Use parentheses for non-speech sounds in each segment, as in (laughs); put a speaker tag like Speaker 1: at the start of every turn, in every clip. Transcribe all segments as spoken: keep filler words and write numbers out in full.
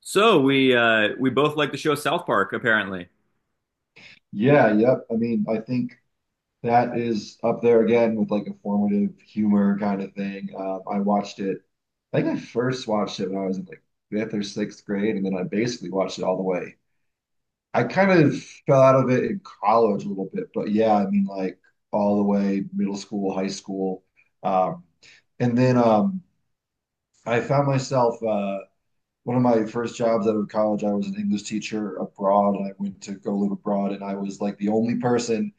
Speaker 1: So we uh we both like the show South Park, apparently.
Speaker 2: Yeah, yep. I mean, I think that is up there again with like a formative humor kind of thing. Um, I watched it, I think I first watched it when I was in like fifth or sixth grade, and then I basically watched it all the way. I kind of fell out of it in college a little bit, but yeah, I mean, like all the way middle school, high school. Um, and then um, I found myself uh, one of my first jobs out of college, I was an English teacher abroad, and I went to go live abroad, and I was like the only person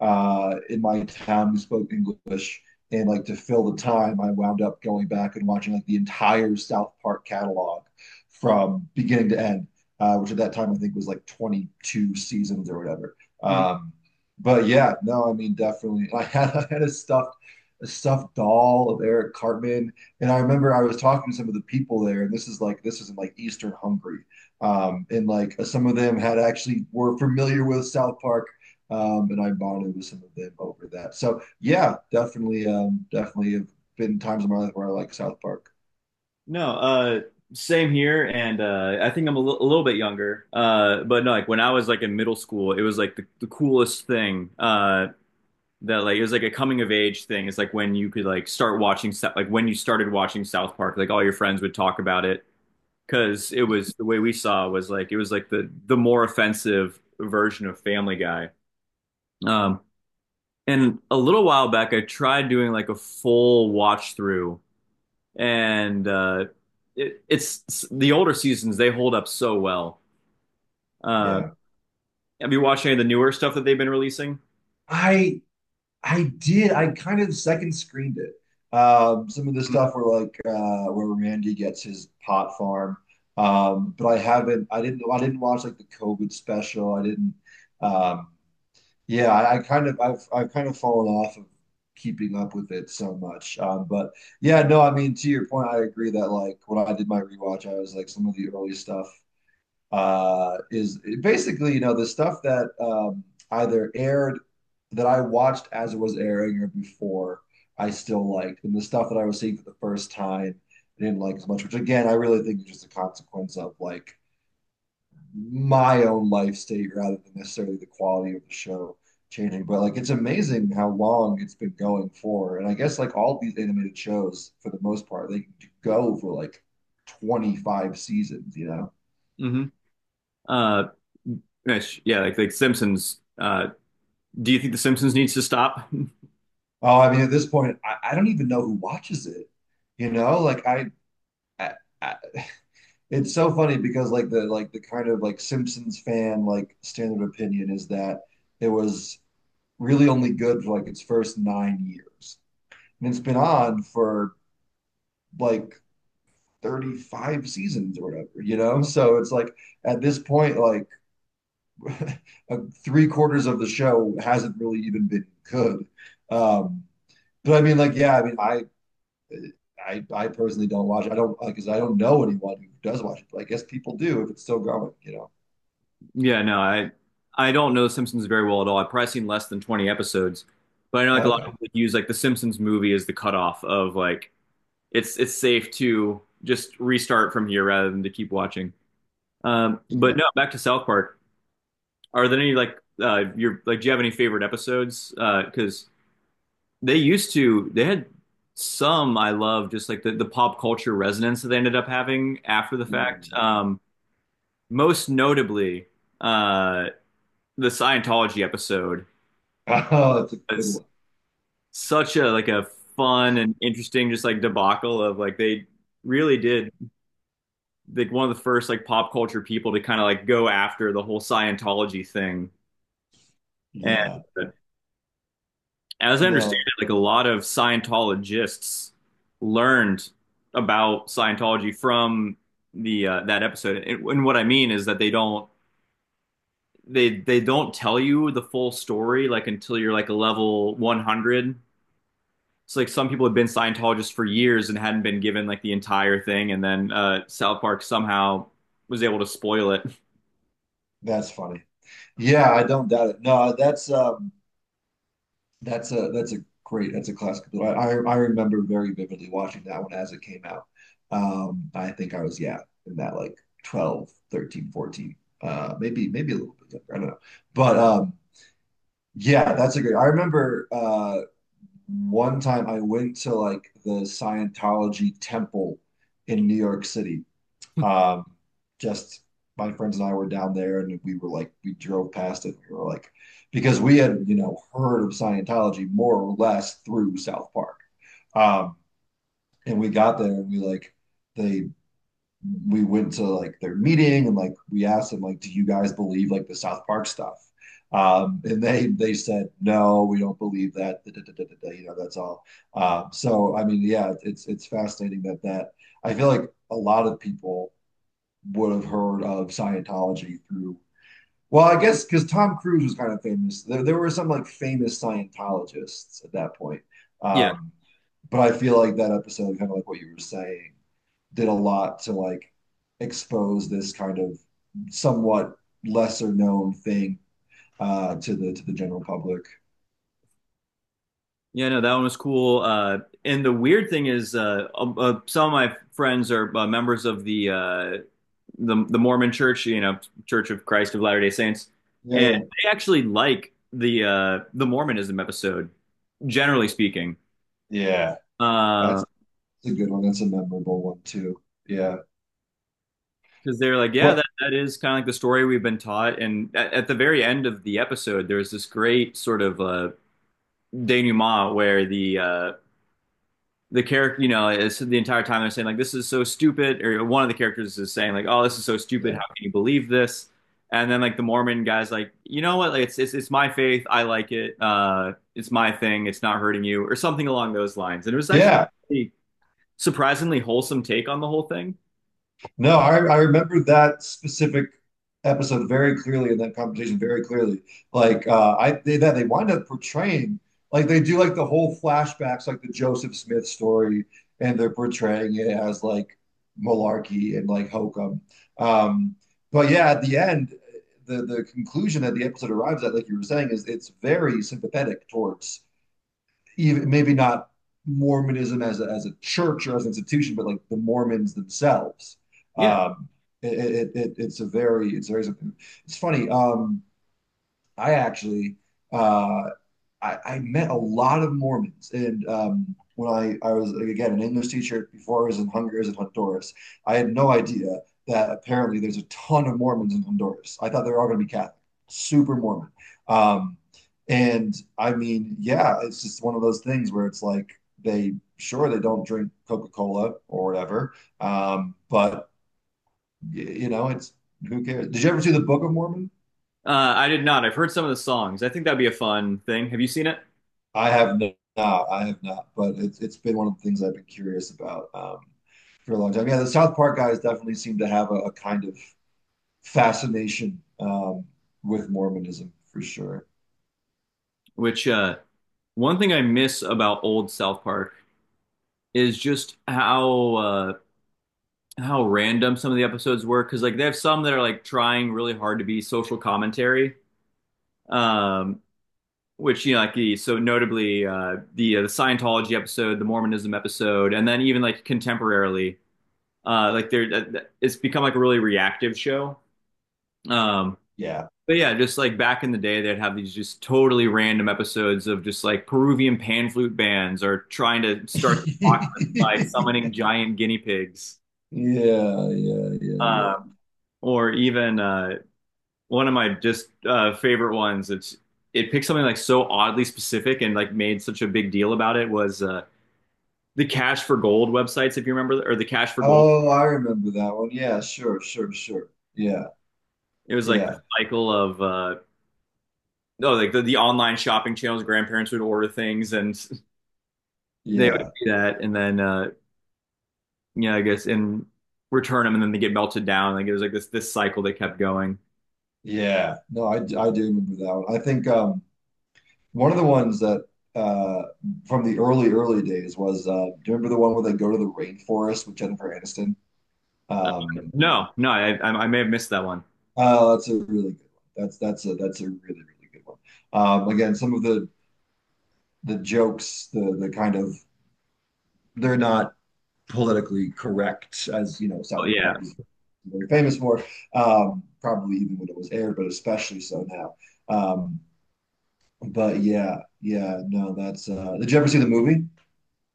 Speaker 2: uh, in my town who spoke English. And like to fill the time, I wound up going back and watching like the entire South Park catalog from beginning to end, uh, which at that time I think was like twenty-two seasons or whatever.
Speaker 1: Mhm.
Speaker 2: Um, but yeah, no, I mean definitely. (laughs) I had I had a stuffed a stuffed doll of Eric Cartman, and I remember I was talking to some of the people there, and this is like this is in like Eastern Hungary, um, and like uh, some of them had actually were familiar with South Park, um, and I bonded with some of them over that. So yeah, definitely, um, definitely have been times in my life where I like South Park.
Speaker 1: No, uh same here, and uh I think I'm a li- a little bit younger. Uh but no, like when I was like in middle school, it was like the, the coolest thing. Uh that like it was like a coming of age thing. It's like when you could like start watching Sou- like when you started watching South Park, like all your friends would talk about it because it
Speaker 2: Yeah,
Speaker 1: was the way we saw was like it was like the the more offensive version of Family Guy. Um and a little while back I tried doing like a full watch through and uh, it, it's the older seasons they hold up so well. Uh,
Speaker 2: yeah.
Speaker 1: have you watched any of the newer stuff that they've been releasing?
Speaker 2: I I did. I kind of second screened it. Um, some of the stuff where like uh, where Randy gets his pot farm, um, but I haven't. I didn't. I didn't watch like the COVID special. I didn't. Um, Yeah, I, I kind of I've I've kind of fallen off of keeping up with it so much. Um, but yeah, no, I mean to your point, I agree that like when I did my rewatch, I was like some of the early stuff uh is basically, you know, the stuff that um either aired that I watched as it was airing or before I still liked, and the stuff that I was seeing for the first time I didn't like as much, which again I really think is just a consequence of like my own life state rather than necessarily the quality of the show changing. But like it's amazing how long it's been going for. And I guess like all these animated shows, for the most part, they go for like twenty-five seasons, you know?
Speaker 1: Hmm. Uh, Mitch, yeah, like like Simpsons. Uh, do you think The Simpsons needs to stop? (laughs)
Speaker 2: Oh, I mean, at this point, I, I don't even know who watches it. You know, like I, I, I, it's so funny because like the like the kind of like Simpsons fan like standard opinion is that it was really only good for like its first nine years, and it's been on for like thirty-five seasons or whatever, you know? So it's like at this point, like (laughs) three quarters of the show hasn't really even been good. Um, but I mean, like, yeah, I mean, I, I, I personally don't watch. It. I don't like, cause I don't know anyone who does watch it. But I guess people do if it's still going, you know.
Speaker 1: Yeah, no, I I don't know The Simpsons very well at all. I've probably seen less than twenty episodes, but I know like a lot of
Speaker 2: Okay.
Speaker 1: people use like The Simpsons movie as the cutoff of like it's it's safe to just restart from here rather than to keep watching. Um, but
Speaker 2: Yeah.
Speaker 1: no, back to South Park. Are there any like uh your like do you have any favorite episodes? Uh 'cause because uh, they used to they had some I love just like the, the pop culture resonance that they ended up having after the fact.
Speaker 2: Yeah. (laughs)
Speaker 1: Um most notably uh the Scientology episode
Speaker 2: Oh, that's a good
Speaker 1: is
Speaker 2: one.
Speaker 1: such a like a fun and interesting just like debacle of like they really did like one of the first like pop culture people to kind of like go after the whole Scientology thing and
Speaker 2: Yeah.
Speaker 1: Uh, as I understand
Speaker 2: No,
Speaker 1: it, like a lot of Scientologists learned about Scientology from the uh, that episode. And, and what I mean is that they don't they they don't tell you the full story like until you're like a level one hundred. So like some people have been Scientologists for years and hadn't been given like the entire thing, and then uh, South Park somehow was able to spoil it. (laughs)
Speaker 2: that's funny. Yeah, I don't doubt it. No, that's um, That's a that's a great that's a classic. I I remember very vividly watching that one as it came out. Um, I think I was yeah in that like twelve thirteen fourteen, uh, maybe maybe a little bit younger. I don't know, but um, yeah, that's a great. I remember uh, one time I went to like the Scientology temple in New York City, um, just my friends and I were down there and we were like, we drove past it. We were like, because we had, you know, heard of Scientology more or less through South Park. Um, and we got there and we like, they, we went to like their meeting and like we asked them like, do you guys believe like the South Park stuff? Um, and they they said no, we don't believe that, da, da, da, da, da, da. You know, that's all. Um, so I mean, yeah, it's it's fascinating that that I feel like a lot of people would have heard of Scientology through, well, I guess because Tom Cruise was kind of famous. There, there were some like famous Scientologists at that point.
Speaker 1: Yeah,
Speaker 2: Um, but I feel like that episode, kind of like what you were saying, did a lot to like expose this kind of somewhat lesser known thing uh, to the to the general public.
Speaker 1: yeah, no, that one was cool. Uh, and the weird thing is, uh, um, uh, some of my friends are uh, members of the uh, the the Mormon Church, you know, Church of Christ of Latter-day Saints,
Speaker 2: Yeah,
Speaker 1: and
Speaker 2: yeah,
Speaker 1: they actually like the uh the Mormonism episode, generally speaking.
Speaker 2: yeah.
Speaker 1: Uh,
Speaker 2: That's a good one. That's a memorable one too. Yeah.
Speaker 1: because they're like, yeah,
Speaker 2: Well,
Speaker 1: that, that is kind of like the story we've been taught. And at, at the very end of the episode, there's this great sort of uh, denouement where the uh, the character, you know, it's the entire time they're saying like, "This is so stupid," or one of the characters is saying like, "Oh, this is so stupid.
Speaker 2: yeah,
Speaker 1: How can you believe this?" And then like the Mormon guy's like, "You know what? Like, it's it's it's my faith. I like it. Uh, it's my thing. It's not hurting you," or something along those lines. And it was actually
Speaker 2: yeah.
Speaker 1: a surprisingly wholesome take on the whole thing.
Speaker 2: No, I, I remember that specific episode very clearly and that conversation very clearly. Like uh, I they, that they wind up portraying like they do like the whole flashbacks, like the Joseph Smith story, and they're portraying it as like malarkey and like hokum. Um, but yeah, at the end, the the conclusion that the episode arrives at, like you were saying, is it's very sympathetic towards even maybe not Mormonism as a, as a church or as an institution, but like the Mormons themselves.
Speaker 1: Yeah,
Speaker 2: Um, it, it, it, it's a very, it's very, it's funny. Um, I actually, uh, I, I met a lot of Mormons. And um, when I, I was, like, again, an English teacher before I was in Honduras and Honduras, I had no idea that apparently there's a ton of Mormons in Honduras. I thought they were all going to be Catholic, super Mormon. Um, and I mean, yeah, it's just one of those things where it's like they, sure, they don't drink Coca-Cola or whatever, um, but, y- you know, it's, who cares? Did you ever see the Book of Mormon?
Speaker 1: uh, I did not. I've heard some of the songs. I think that'd be a fun thing. Have you seen it?
Speaker 2: I have no, not. I have not, but it's it's been one of the things I've been curious about um, for a long time. Yeah, the South Park guys definitely seem to have a, a kind of fascination um, with Mormonism for sure.
Speaker 1: Which uh, one thing I miss about old South Park is just how uh, how random some of the episodes were, because like they have some that are like trying really hard to be social commentary, um, which you know like the so notably uh the uh, the Scientology episode, the Mormonism episode, and then even like contemporarily uh like they're that- it's become like a really reactive show, um,
Speaker 2: Yeah.
Speaker 1: but yeah, just like back in the day they'd have these just totally random episodes of just like Peruvian pan flute bands or trying to start by summoning
Speaker 2: (laughs)
Speaker 1: giant guinea pigs,
Speaker 2: Yeah, yeah, yeah, yeah, yeah.
Speaker 1: um, or even uh one of my just uh, favorite ones. It's it picked something like so oddly specific and like made such a big deal about it, was uh, the Cash for Gold websites, if you remember, or the Cash for Gold.
Speaker 2: Oh, I remember that one. Yeah, sure, sure, sure. Yeah,
Speaker 1: It was like the
Speaker 2: yeah,
Speaker 1: cycle of uh, no, like the, the online shopping channels. Grandparents would order things, and (laughs) they would
Speaker 2: yeah,
Speaker 1: do that, and then uh, yeah, I guess, and return them, and then they get melted down. Like it was like this this cycle that kept going.
Speaker 2: yeah. No, I, I do remember that one. I think um One of the ones that uh, from the early early days was uh, do you remember the one where they go to the rainforest with Jennifer Aniston?
Speaker 1: Uh,
Speaker 2: Um,
Speaker 1: no, no, I, I I may have missed that one.
Speaker 2: oh, that's a really good one. That's that's a that's a really really good one. Um, again, some of the the jokes, the the kind of they're not politically correct as you know
Speaker 1: Oh,
Speaker 2: South
Speaker 1: yeah.
Speaker 2: Park is very famous for, um, probably even when it was aired, but especially so now. Um, but yeah, yeah, no, that's uh, did you ever see the movie?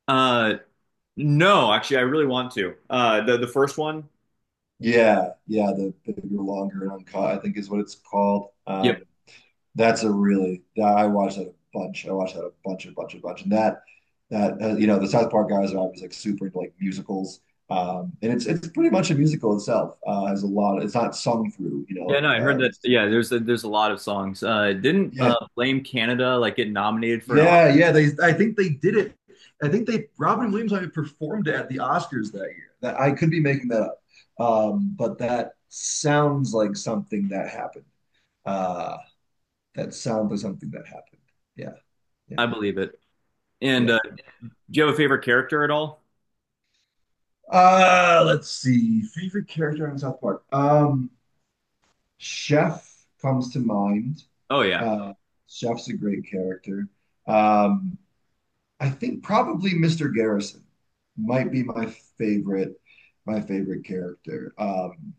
Speaker 1: Uh, no, actually, I really want to. Uh, the the first one.
Speaker 2: Yeah, yeah, the bigger, longer, and uncut, I think is what it's called.
Speaker 1: Yeah.
Speaker 2: Um, that's a really that I watched that a bunch. I watched that a bunch, a bunch, a bunch, and that that uh, you know the South Park guys are obviously like super into like musicals, um, and it's it's pretty much a musical itself. Uh, has a lot. It's not sung through, you know,
Speaker 1: Yeah, no,
Speaker 2: like
Speaker 1: I'd heard
Speaker 2: uh,
Speaker 1: that.
Speaker 2: just
Speaker 1: Yeah, there's a, there's a lot of songs. Uh, didn't uh,
Speaker 2: yeah.
Speaker 1: Blame Canada like get nominated for an Oscar?
Speaker 2: Yeah, yeah. They, I think they did it. I think they Robin Williams I mean, performed at the Oscars that year. That I could be making that up, um, but that sounds like something that happened. Uh, that sounds like something that happened. Yeah, yeah,
Speaker 1: I believe it. And uh,
Speaker 2: yeah.
Speaker 1: do you have a favorite character at all?
Speaker 2: Uh, let's see. Favorite character on South Park. Um, Chef comes to mind.
Speaker 1: Oh yeah,
Speaker 2: Uh, Chef's a great character. Um, I think probably mister Garrison might be my favorite, my favorite character. Um,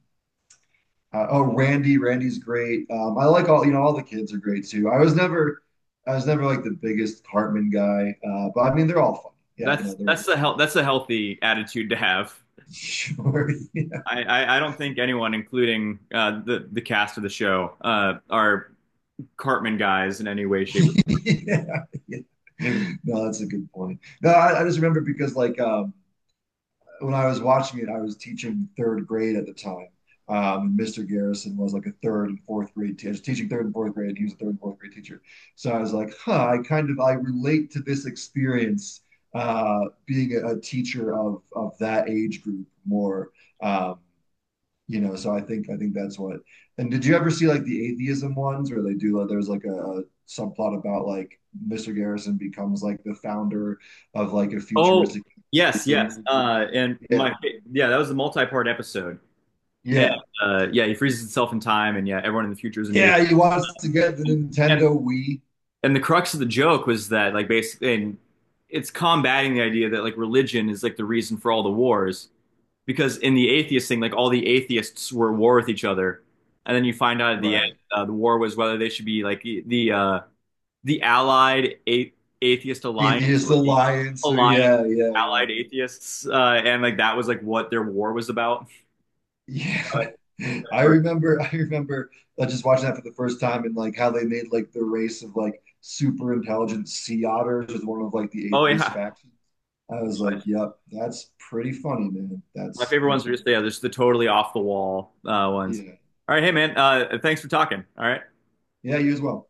Speaker 2: uh, oh, Randy, Randy's great. Um, I like all, you know, all the kids are great too. I was never, I was never like the biggest Cartman guy, uh, but I mean, they're all funny. Yeah,
Speaker 1: that's
Speaker 2: no, they're all
Speaker 1: that's the
Speaker 2: funny.
Speaker 1: hel that's a healthy attitude to have.
Speaker 2: (laughs) Sure. Yeah.
Speaker 1: I, I, I don't think anyone, including uh, the the cast of the show, uh, are Cartman guys in any way, shape, or
Speaker 2: (laughs) Yeah. Yeah. No, that's a good point. No, I, I just remember because like um when I was watching it, I was teaching third grade at the time. Um, mister Garrison was like a third and fourth grade teacher, teaching third and fourth grade, and he was a third and fourth grade teacher. So I was like, huh, I kind of I relate to this experience uh, being a, a teacher of of that age group more. Um, you know, so I think I think that's what. And did you ever see like the atheism ones where they do like there's like a, a subplot about like mister Garrison becomes like the founder of like a
Speaker 1: Oh
Speaker 2: futuristic
Speaker 1: yes,
Speaker 2: atheism
Speaker 1: yes.
Speaker 2: movement?
Speaker 1: Uh, and
Speaker 2: Yeah.
Speaker 1: my yeah, that was the multi-part episode. And
Speaker 2: Yeah.
Speaker 1: uh, yeah, he freezes himself in time, and yeah, everyone in the future is an atheist.
Speaker 2: Yeah, he wants to get the Nintendo Wii.
Speaker 1: And the crux of the joke was that like basically, and it's combating the idea that like religion is like the reason for all the wars, because in the atheist thing like all the atheists were at war with each other, and then you find out at the end
Speaker 2: Right.
Speaker 1: uh, the war was whether they should be like the uh the allied a- atheist alliance
Speaker 2: Atheist
Speaker 1: or the
Speaker 2: Alliance. So
Speaker 1: allied
Speaker 2: yeah, yeah,
Speaker 1: allied atheists, uh and like that was like what their war was about.
Speaker 2: yeah.
Speaker 1: (laughs)
Speaker 2: Yeah. (laughs)
Speaker 1: Uh,
Speaker 2: I
Speaker 1: for,
Speaker 2: remember I remember uh, just watching that for the first time and like how they made like the race of like super intelligent sea otters as one of like the
Speaker 1: oh
Speaker 2: atheist
Speaker 1: yeah,
Speaker 2: factions. I was like, yep, that's pretty funny, man.
Speaker 1: my
Speaker 2: That's
Speaker 1: favorite ones
Speaker 2: that's
Speaker 1: are just yeah, just the totally off the wall uh, ones.
Speaker 2: yeah.
Speaker 1: All right, hey man, uh, thanks for talking. All right.
Speaker 2: Yeah, you as well.